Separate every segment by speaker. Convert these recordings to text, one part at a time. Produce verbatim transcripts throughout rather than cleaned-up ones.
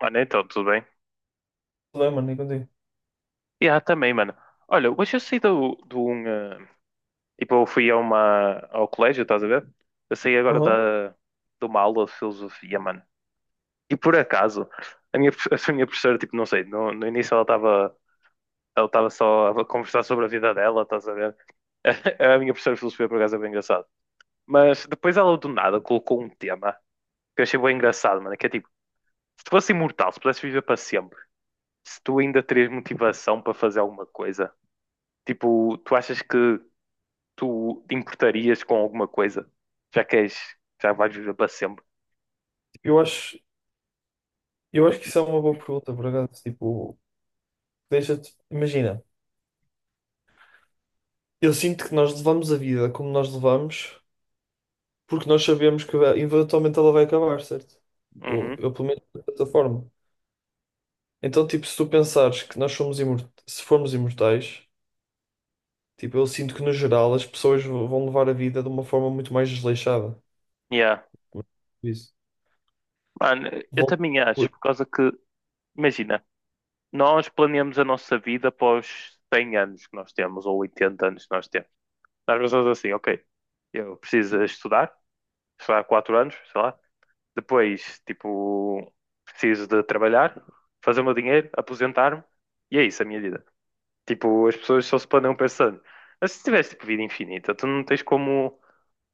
Speaker 1: Mano, então, tudo bem?
Speaker 2: Não, mano, nem contigo.
Speaker 1: E há também, mano. Olha, hoje eu saí do, do um. eh, tipo, eu fui a uma, ao colégio, estás a ver? Eu saí agora
Speaker 2: Aham.
Speaker 1: da, de uma aula de filosofia, mano. E por acaso, a minha, profe- a minha professora, tipo, não sei, no, no início ela estava ela estava só a conversar sobre a vida dela, estás a ver? A minha professora de filosofia, por acaso, é bem engraçado. Mas depois ela, do nada, colocou um tema que eu achei bem engraçado, mano, que é tipo, se tu fosse imortal, se pudesses viver para sempre, se tu ainda terias motivação para fazer alguma coisa. Tipo, tu achas que tu te importarias com alguma coisa? Já que és, já vais viver para sempre.
Speaker 2: Eu acho, eu acho que isso é uma boa pergunta, por acaso. Tipo, deixa-te. Imagina, eu sinto que nós levamos a vida como nós levamos, porque nós sabemos que vai- eventualmente ela vai acabar, certo? Ou
Speaker 1: Uhum.
Speaker 2: eu, pelo menos, de certa forma. Então, tipo, se tu pensares que nós somos imor- se formos imortais, tipo, eu sinto que, no geral, as pessoas v- vão levar a vida de uma forma muito mais desleixada.
Speaker 1: Yeah.
Speaker 2: Isso.
Speaker 1: Mano, eu
Speaker 2: Vão...
Speaker 1: também acho, por causa que, imagina, nós planeamos a nossa vida após cem anos que nós temos, ou oitenta anos que nós temos. Nós pensamos assim, ok, eu preciso estudar, estudar quatro anos, sei lá. Depois, tipo, preciso de trabalhar, fazer o meu dinheiro, aposentar-me, e é isso a minha vida. Tipo, as pessoas só se planeiam pensando. Mas se tivesse tipo, vida infinita, tu não tens como,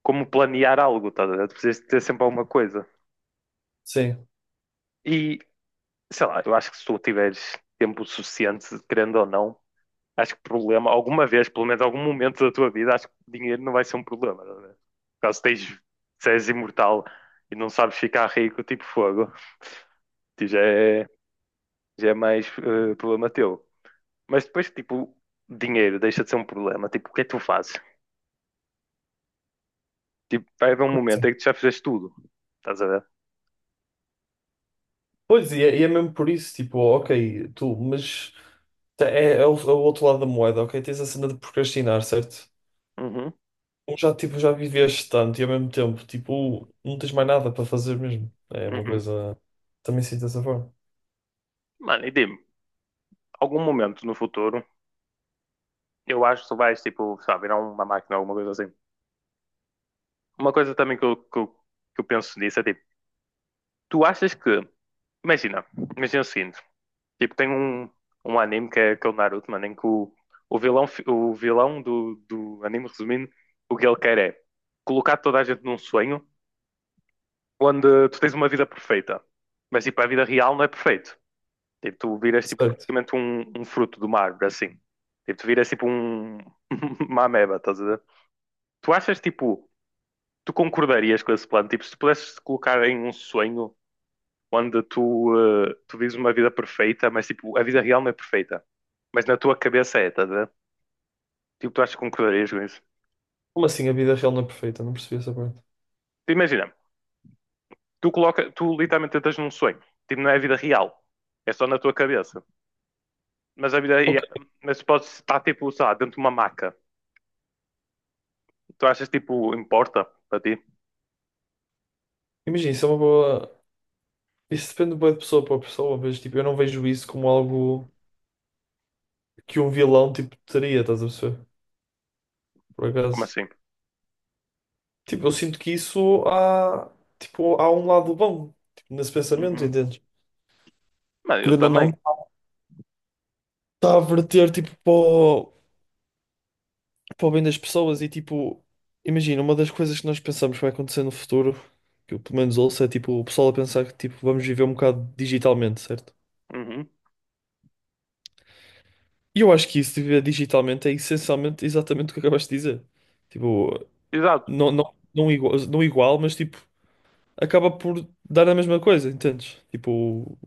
Speaker 1: como planear algo, tá? A ver? Tu precisas de ter sempre alguma coisa.
Speaker 2: Sim.
Speaker 1: E, sei lá, eu acho que se tu tiveres tempo suficiente, querendo ou não, acho que problema, alguma vez, pelo menos algum momento da tua vida, acho que dinheiro não vai ser um problema, tá? A ver? Caso tens, se és imortal e não sabes ficar rico, tipo fogo, tu já é, já é mais eh, problema teu. Mas depois, tipo, dinheiro deixa de ser um problema. Tipo, o que é que tu fazes? Tipo, vai haver um
Speaker 2: Como
Speaker 1: momento
Speaker 2: assim?
Speaker 1: em que tu já fizeste tudo. Estás a ver?
Speaker 2: Pois, e é, e é mesmo por isso, tipo, ok, tu, mas. Tá, É, é o, é o outro lado da moeda, ok? Tens a cena de procrastinar, certo?
Speaker 1: Uhum,
Speaker 2: Como já, tipo, já viveste tanto e, ao mesmo tempo, tipo, não tens mais nada para fazer mesmo. É uma
Speaker 1: uhum.
Speaker 2: coisa. Também sinto dessa forma.
Speaker 1: Mano, e dime, algum momento no futuro, eu acho que tu vais, tipo, sei lá, virar uma máquina, alguma coisa assim. Uma coisa também que eu, que eu, que eu penso nisso é, tipo, tu achas que... Imagina, imagina o seguinte. Tipo, tem um, um anime que é, que é o Naruto, mano, em que o, o vilão, fi- o vilão do, do anime, resumindo, o que ele quer é colocar toda a gente num sonho onde tu tens uma vida perfeita. Mas, tipo, a vida real não é perfeita. Tipo, tu viras tipo
Speaker 2: Certo.
Speaker 1: praticamente um, um fruto de uma árvore, assim. Tipo, tu viras tipo um, uma ameba, estás a ver? Tu achas tipo, tu concordarias com esse plano? Tipo, se tu pudesses te colocar em um sonho onde tu, eh, tu vives uma vida perfeita, mas tipo, a vida real não é perfeita. Mas na tua cabeça é, estás a ver? Tipo, tu achas que concordarias com isso?
Speaker 2: Como assim a vida real não é perfeita? Não percebi essa parte.
Speaker 1: Tu imagina, tu coloca, tu literalmente estás num sonho. Tipo, não é a vida real. É só na tua cabeça. Mas a vida,
Speaker 2: Ok.
Speaker 1: ia- mas tu podes estar tipo, sei lá, dentro de uma maca. Tu achas tipo, importa para ti?
Speaker 2: Imagina, isso é uma boa. Isso depende bué de pessoa para pessoa, mas tipo, eu não vejo isso como algo que um vilão tipo teria, estás a perceber? Por
Speaker 1: Como
Speaker 2: acaso.
Speaker 1: assim?
Speaker 2: Tipo, eu sinto que isso há. Tipo, há um lado bom, tipo, nesse pensamento,
Speaker 1: Uhum.
Speaker 2: entendes?
Speaker 1: Mano, eu
Speaker 2: Querendo ou não.
Speaker 1: também.
Speaker 2: Está a verter tipo para o, para o bem das pessoas e tipo, imagina, uma das coisas que nós pensamos que vai acontecer no futuro, que eu pelo menos ouço, é tipo o pessoal a pensar que tipo vamos viver um bocado digitalmente, certo?
Speaker 1: Uhum.
Speaker 2: E eu acho que isso de viver digitalmente é essencialmente exatamente o que acabaste de dizer. Tipo,
Speaker 1: Exato.
Speaker 2: não, não, não igual, não igual, mas tipo, acaba por dar a mesma coisa, entendes? Tipo,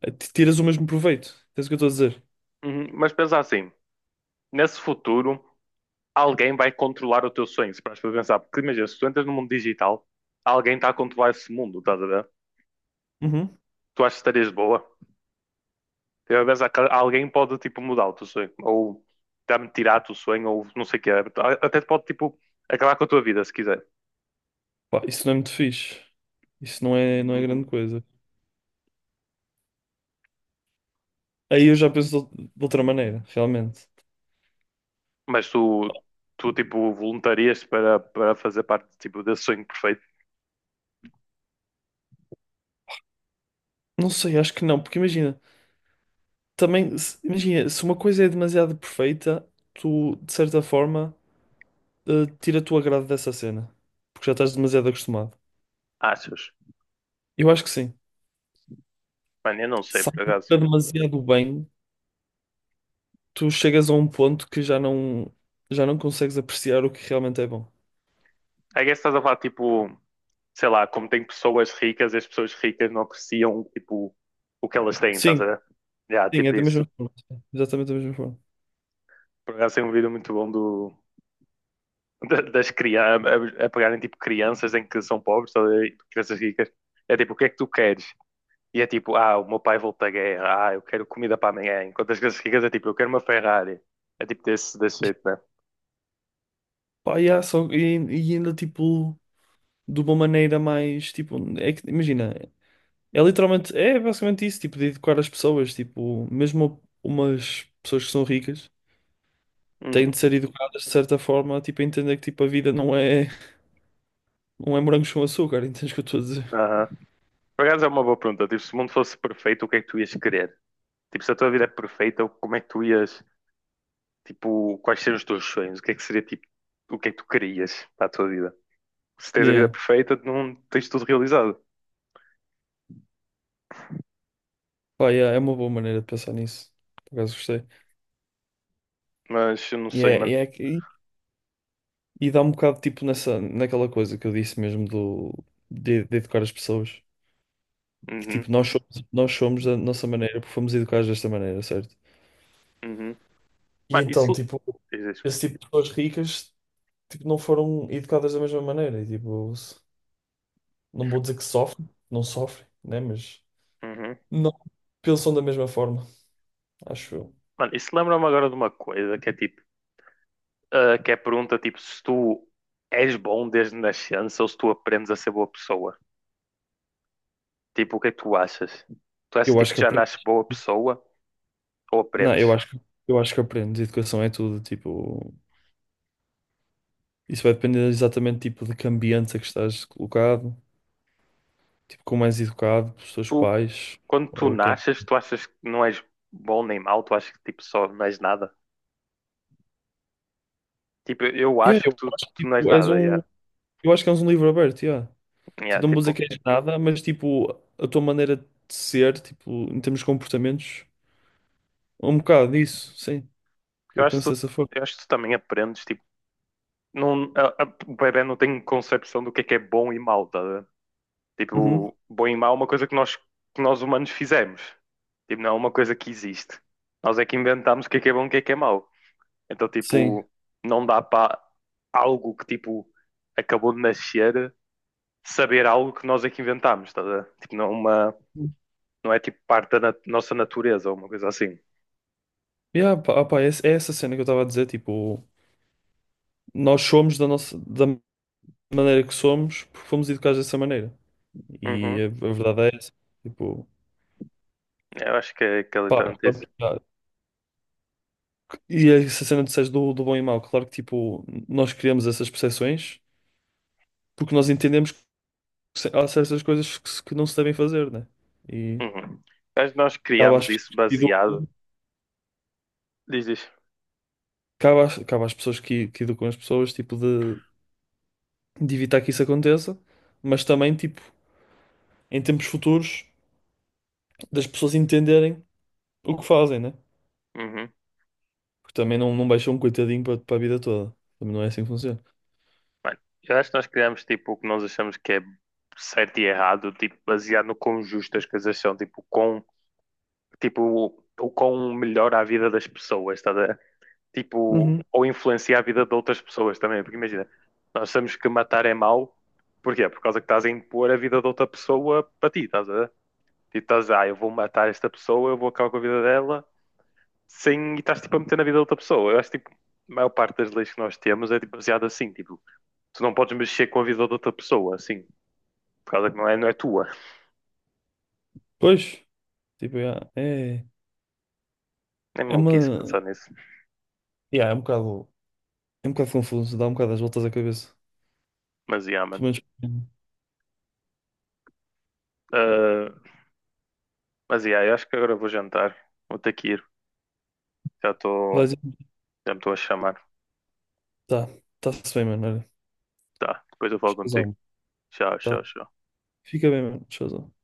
Speaker 2: é- tiras o mesmo proveito. Entendes o que eu estou a dizer?
Speaker 1: Uhum. Mas pensa assim, nesse futuro, alguém vai controlar o teu sonho, se paras para pensar. Porque imagina, se tu, entras no mundo digital, alguém está a controlar esse mundo, estás a ver?
Speaker 2: Uhum.
Speaker 1: Tu achas que estarias boa? Eu penso que alguém pode, tipo, mudar o teu sonho. Ou dar-me tirar o teu sonho, ou não sei o quê. Até pode, tipo, acabar com a tua vida, se quiser.
Speaker 2: Pá, isso não é muito fixe. Isso não é, não é grande
Speaker 1: Uhum.
Speaker 2: coisa. Aí eu já penso de ou- de outra maneira, realmente.
Speaker 1: Mas tu, tu, tipo, voluntarias para, para fazer parte, tipo, desse sonho perfeito?
Speaker 2: Não sei, acho que não, porque imagina, também, se- imagina, se uma coisa é demasiado perfeita, tu, de certa forma, eh, tira tu agrado dessa cena, porque já estás demasiado acostumado.
Speaker 1: Achas?
Speaker 2: Eu acho que sim.
Speaker 1: Mano, eu não sei,
Speaker 2: Se
Speaker 1: por
Speaker 2: algo
Speaker 1: acaso.
Speaker 2: está demasiado bem, tu chegas a um ponto que já não, já não consegues apreciar o que realmente é bom.
Speaker 1: I guess estás a falar, tipo, sei lá, como tem pessoas ricas, as pessoas ricas não apreciam, tipo, o que elas têm, estás
Speaker 2: Sim,
Speaker 1: a ver? Yeah,
Speaker 2: sim, é
Speaker 1: tipo
Speaker 2: da
Speaker 1: isso.
Speaker 2: mesma forma. Exatamente da mesma forma.
Speaker 1: Por acaso tem um vídeo muito bom do, da- das crianças, a, a pegarem, tipo, crianças em que são pobres, estás a ver? Tipo, crianças ricas. É tipo, o que é que tu queres? E é tipo, ah, o meu pai volta da guerra, ah, eu quero comida para amanhã. Enquanto as crianças ricas é tipo, eu quero uma Ferrari. É tipo desse, desse jeito, né?
Speaker 2: Pá, e só, e, e ainda tipo, de uma maneira mais, tipo, é que, imagina. É literalmente, é basicamente isso, tipo, de educar as pessoas, tipo, mesmo umas pessoas que são ricas têm de
Speaker 1: Uhum.
Speaker 2: ser educadas de certa forma, tipo, a entender que tipo, a vida não é, não é morangos com açúcar, entendes o que eu estou a dizer?
Speaker 1: Aham. Por acaso é uma boa pergunta. Tipo, se o mundo fosse perfeito, o que é que tu ias querer? Tipo, se a tua vida é perfeita, como é que tu ias. Tipo, quais seriam os teus sonhos? O que é que seria tipo, o que é que tu querias para a tua vida? Se tens a vida
Speaker 2: Yeah.
Speaker 1: perfeita, não tens tudo realizado.
Speaker 2: Pá, yeah, é uma boa maneira de pensar nisso, por acaso gostei.
Speaker 1: Mas eu não
Speaker 2: E
Speaker 1: sei,
Speaker 2: é,
Speaker 1: mano.
Speaker 2: e é que- e dá um bocado, tipo, nessa, naquela coisa que eu disse mesmo do, de, de educar as pessoas, que
Speaker 1: Uhum,
Speaker 2: tipo, nós somos, nós somos da nossa maneira porque fomos educados desta maneira, certo?
Speaker 1: uhum.
Speaker 2: E
Speaker 1: Mano,
Speaker 2: então,
Speaker 1: isso.
Speaker 2: tipo,
Speaker 1: Diz isso.
Speaker 2: esse tipo de pessoas ricas. Tipo, não foram educadas da mesma maneira. E, tipo, s- não vou dizer que sofrem, não sofrem, né? Mas
Speaker 1: Uhum.
Speaker 2: não pensam da mesma forma, acho eu.
Speaker 1: Mano, isso lembra-me agora de uma coisa que é tipo, ah, que é a pergunta tipo, se tu és bom desde nascença ou se tu aprendes a ser boa pessoa. Tipo, o que é que tu achas? Tu achas
Speaker 2: Eu
Speaker 1: tipo
Speaker 2: acho
Speaker 1: que
Speaker 2: que
Speaker 1: já nasces
Speaker 2: aprendes.
Speaker 1: boa pessoa ou
Speaker 2: Não,
Speaker 1: aprendes?
Speaker 2: eu acho, que- eu acho que aprendes. Educação é tudo, tipo, isso vai depender exatamente tipo de que ambiente é que estás colocado, tipo, como és educado pelos teus
Speaker 1: Tu,
Speaker 2: pais
Speaker 1: quando tu
Speaker 2: ou quem.
Speaker 1: nasces, tu achas que não és bom nem mau, tu achas que tipo só não és nada? Tipo, eu
Speaker 2: Yeah,
Speaker 1: acho que
Speaker 2: eu
Speaker 1: tu,
Speaker 2: acho que
Speaker 1: tu não és
Speaker 2: tipo, és
Speaker 1: nada,
Speaker 2: um,
Speaker 1: yeah.
Speaker 2: eu acho que és um livro aberto, yeah.
Speaker 1: Yeah,
Speaker 2: Tipo, não vou dizer
Speaker 1: tipo,
Speaker 2: que és nada, mas tipo, a tua maneira de ser, tipo, em termos de comportamentos. Um bocado isso, sim.
Speaker 1: porque eu
Speaker 2: Eu
Speaker 1: acho
Speaker 2: penso
Speaker 1: que tu,
Speaker 2: dessa forma.
Speaker 1: eu acho que tu também aprendes, tipo, não, a- a- o bebé não tem concepção do que é que é bom e mau, tá? A ver?
Speaker 2: Uhum.
Speaker 1: Tipo, bom e mau é uma coisa que nós, que nós humanos fizemos. Tipo, não é uma coisa que existe. Nós é que inventamos o que é que é bom e o que é que é mau. Então,
Speaker 2: Sim.
Speaker 1: tipo, não dá para algo que, tipo, acabou de nascer saber algo que nós é que inventámos, tá? A ver? Tipo, não é uma, não é tipo parte da nat- nossa natureza ou uma coisa assim.
Speaker 2: Yeah, pá, ah, pá, é, é essa cena que eu estava a dizer, tipo, nós somos da nossa, da maneira que somos porque fomos educados dessa maneira. E
Speaker 1: Uhum.
Speaker 2: a, a verdade é essa. Tipo,
Speaker 1: Eu acho que é, que é
Speaker 2: pá,
Speaker 1: literalmente
Speaker 2: claro
Speaker 1: isso.
Speaker 2: que, há- e é essa cena que disseste do, do bom e mau, claro que, tipo, nós criamos essas percepções porque nós entendemos que se- há certas coisas que, se- que não se devem fazer, né? E
Speaker 1: Uhum. Eu acho que nós
Speaker 2: cabe às
Speaker 1: criámos isso
Speaker 2: pessoas que
Speaker 1: baseado.
Speaker 2: educam,
Speaker 1: Diz isso.
Speaker 2: cabe às, cabe às pessoas que, que educam as pessoas, tipo, de de evitar que isso aconteça, mas também, tipo, em tempos futuros, das pessoas entenderem o que fazem, né?
Speaker 1: Uhum.
Speaker 2: Porque também não, não baixam um coitadinho para para a vida toda. Também não é assim que funciona.
Speaker 1: Mano, eu acho que nós criámos tipo o que nós achamos que é certo e errado, tipo, baseado no quão justo as coisas são, tipo, com, tipo, o o quão melhora a vida das pessoas, tá, a ver? Tipo,
Speaker 2: Uhum.
Speaker 1: ou influencia a vida de outras pessoas também, porque imagina, nós achamos que matar é mau, porquê? Por causa que estás a impor a vida de outra pessoa para ti, estás a ver? Tipo, estás, ah, eu vou matar esta pessoa, eu vou acabar com a vida dela sem e estás tipo a meter na vida de outra pessoa. Eu acho que tipo, a maior parte das leis que nós temos é tipo, baseada assim, tipo, tu não podes mexer com a vida de outra pessoa, assim, por causa que não é, não é tua.
Speaker 2: Pois, tipo, yeah, é,
Speaker 1: É
Speaker 2: é
Speaker 1: maluquice
Speaker 2: uma.
Speaker 1: pensar nisso.
Speaker 2: Yeah, é um bocado, é um bocado confuso, dá um bocado as voltas à cabeça.
Speaker 1: Mas yeah,
Speaker 2: Pelo
Speaker 1: mano.
Speaker 2: menos.
Speaker 1: Ah, mas yeah, eu acho que agora vou jantar. Vou ter que ir. Já
Speaker 2: Vai
Speaker 1: estou.
Speaker 2: dizer,
Speaker 1: Já me estou a chamar.
Speaker 2: tá, tá-se bem, mano. Olha,
Speaker 1: Tá, depois eu falo contigo.
Speaker 2: showzão,
Speaker 1: Tchau,
Speaker 2: tá.
Speaker 1: tchau, tchau.
Speaker 2: Fica bem, mano. Showzão.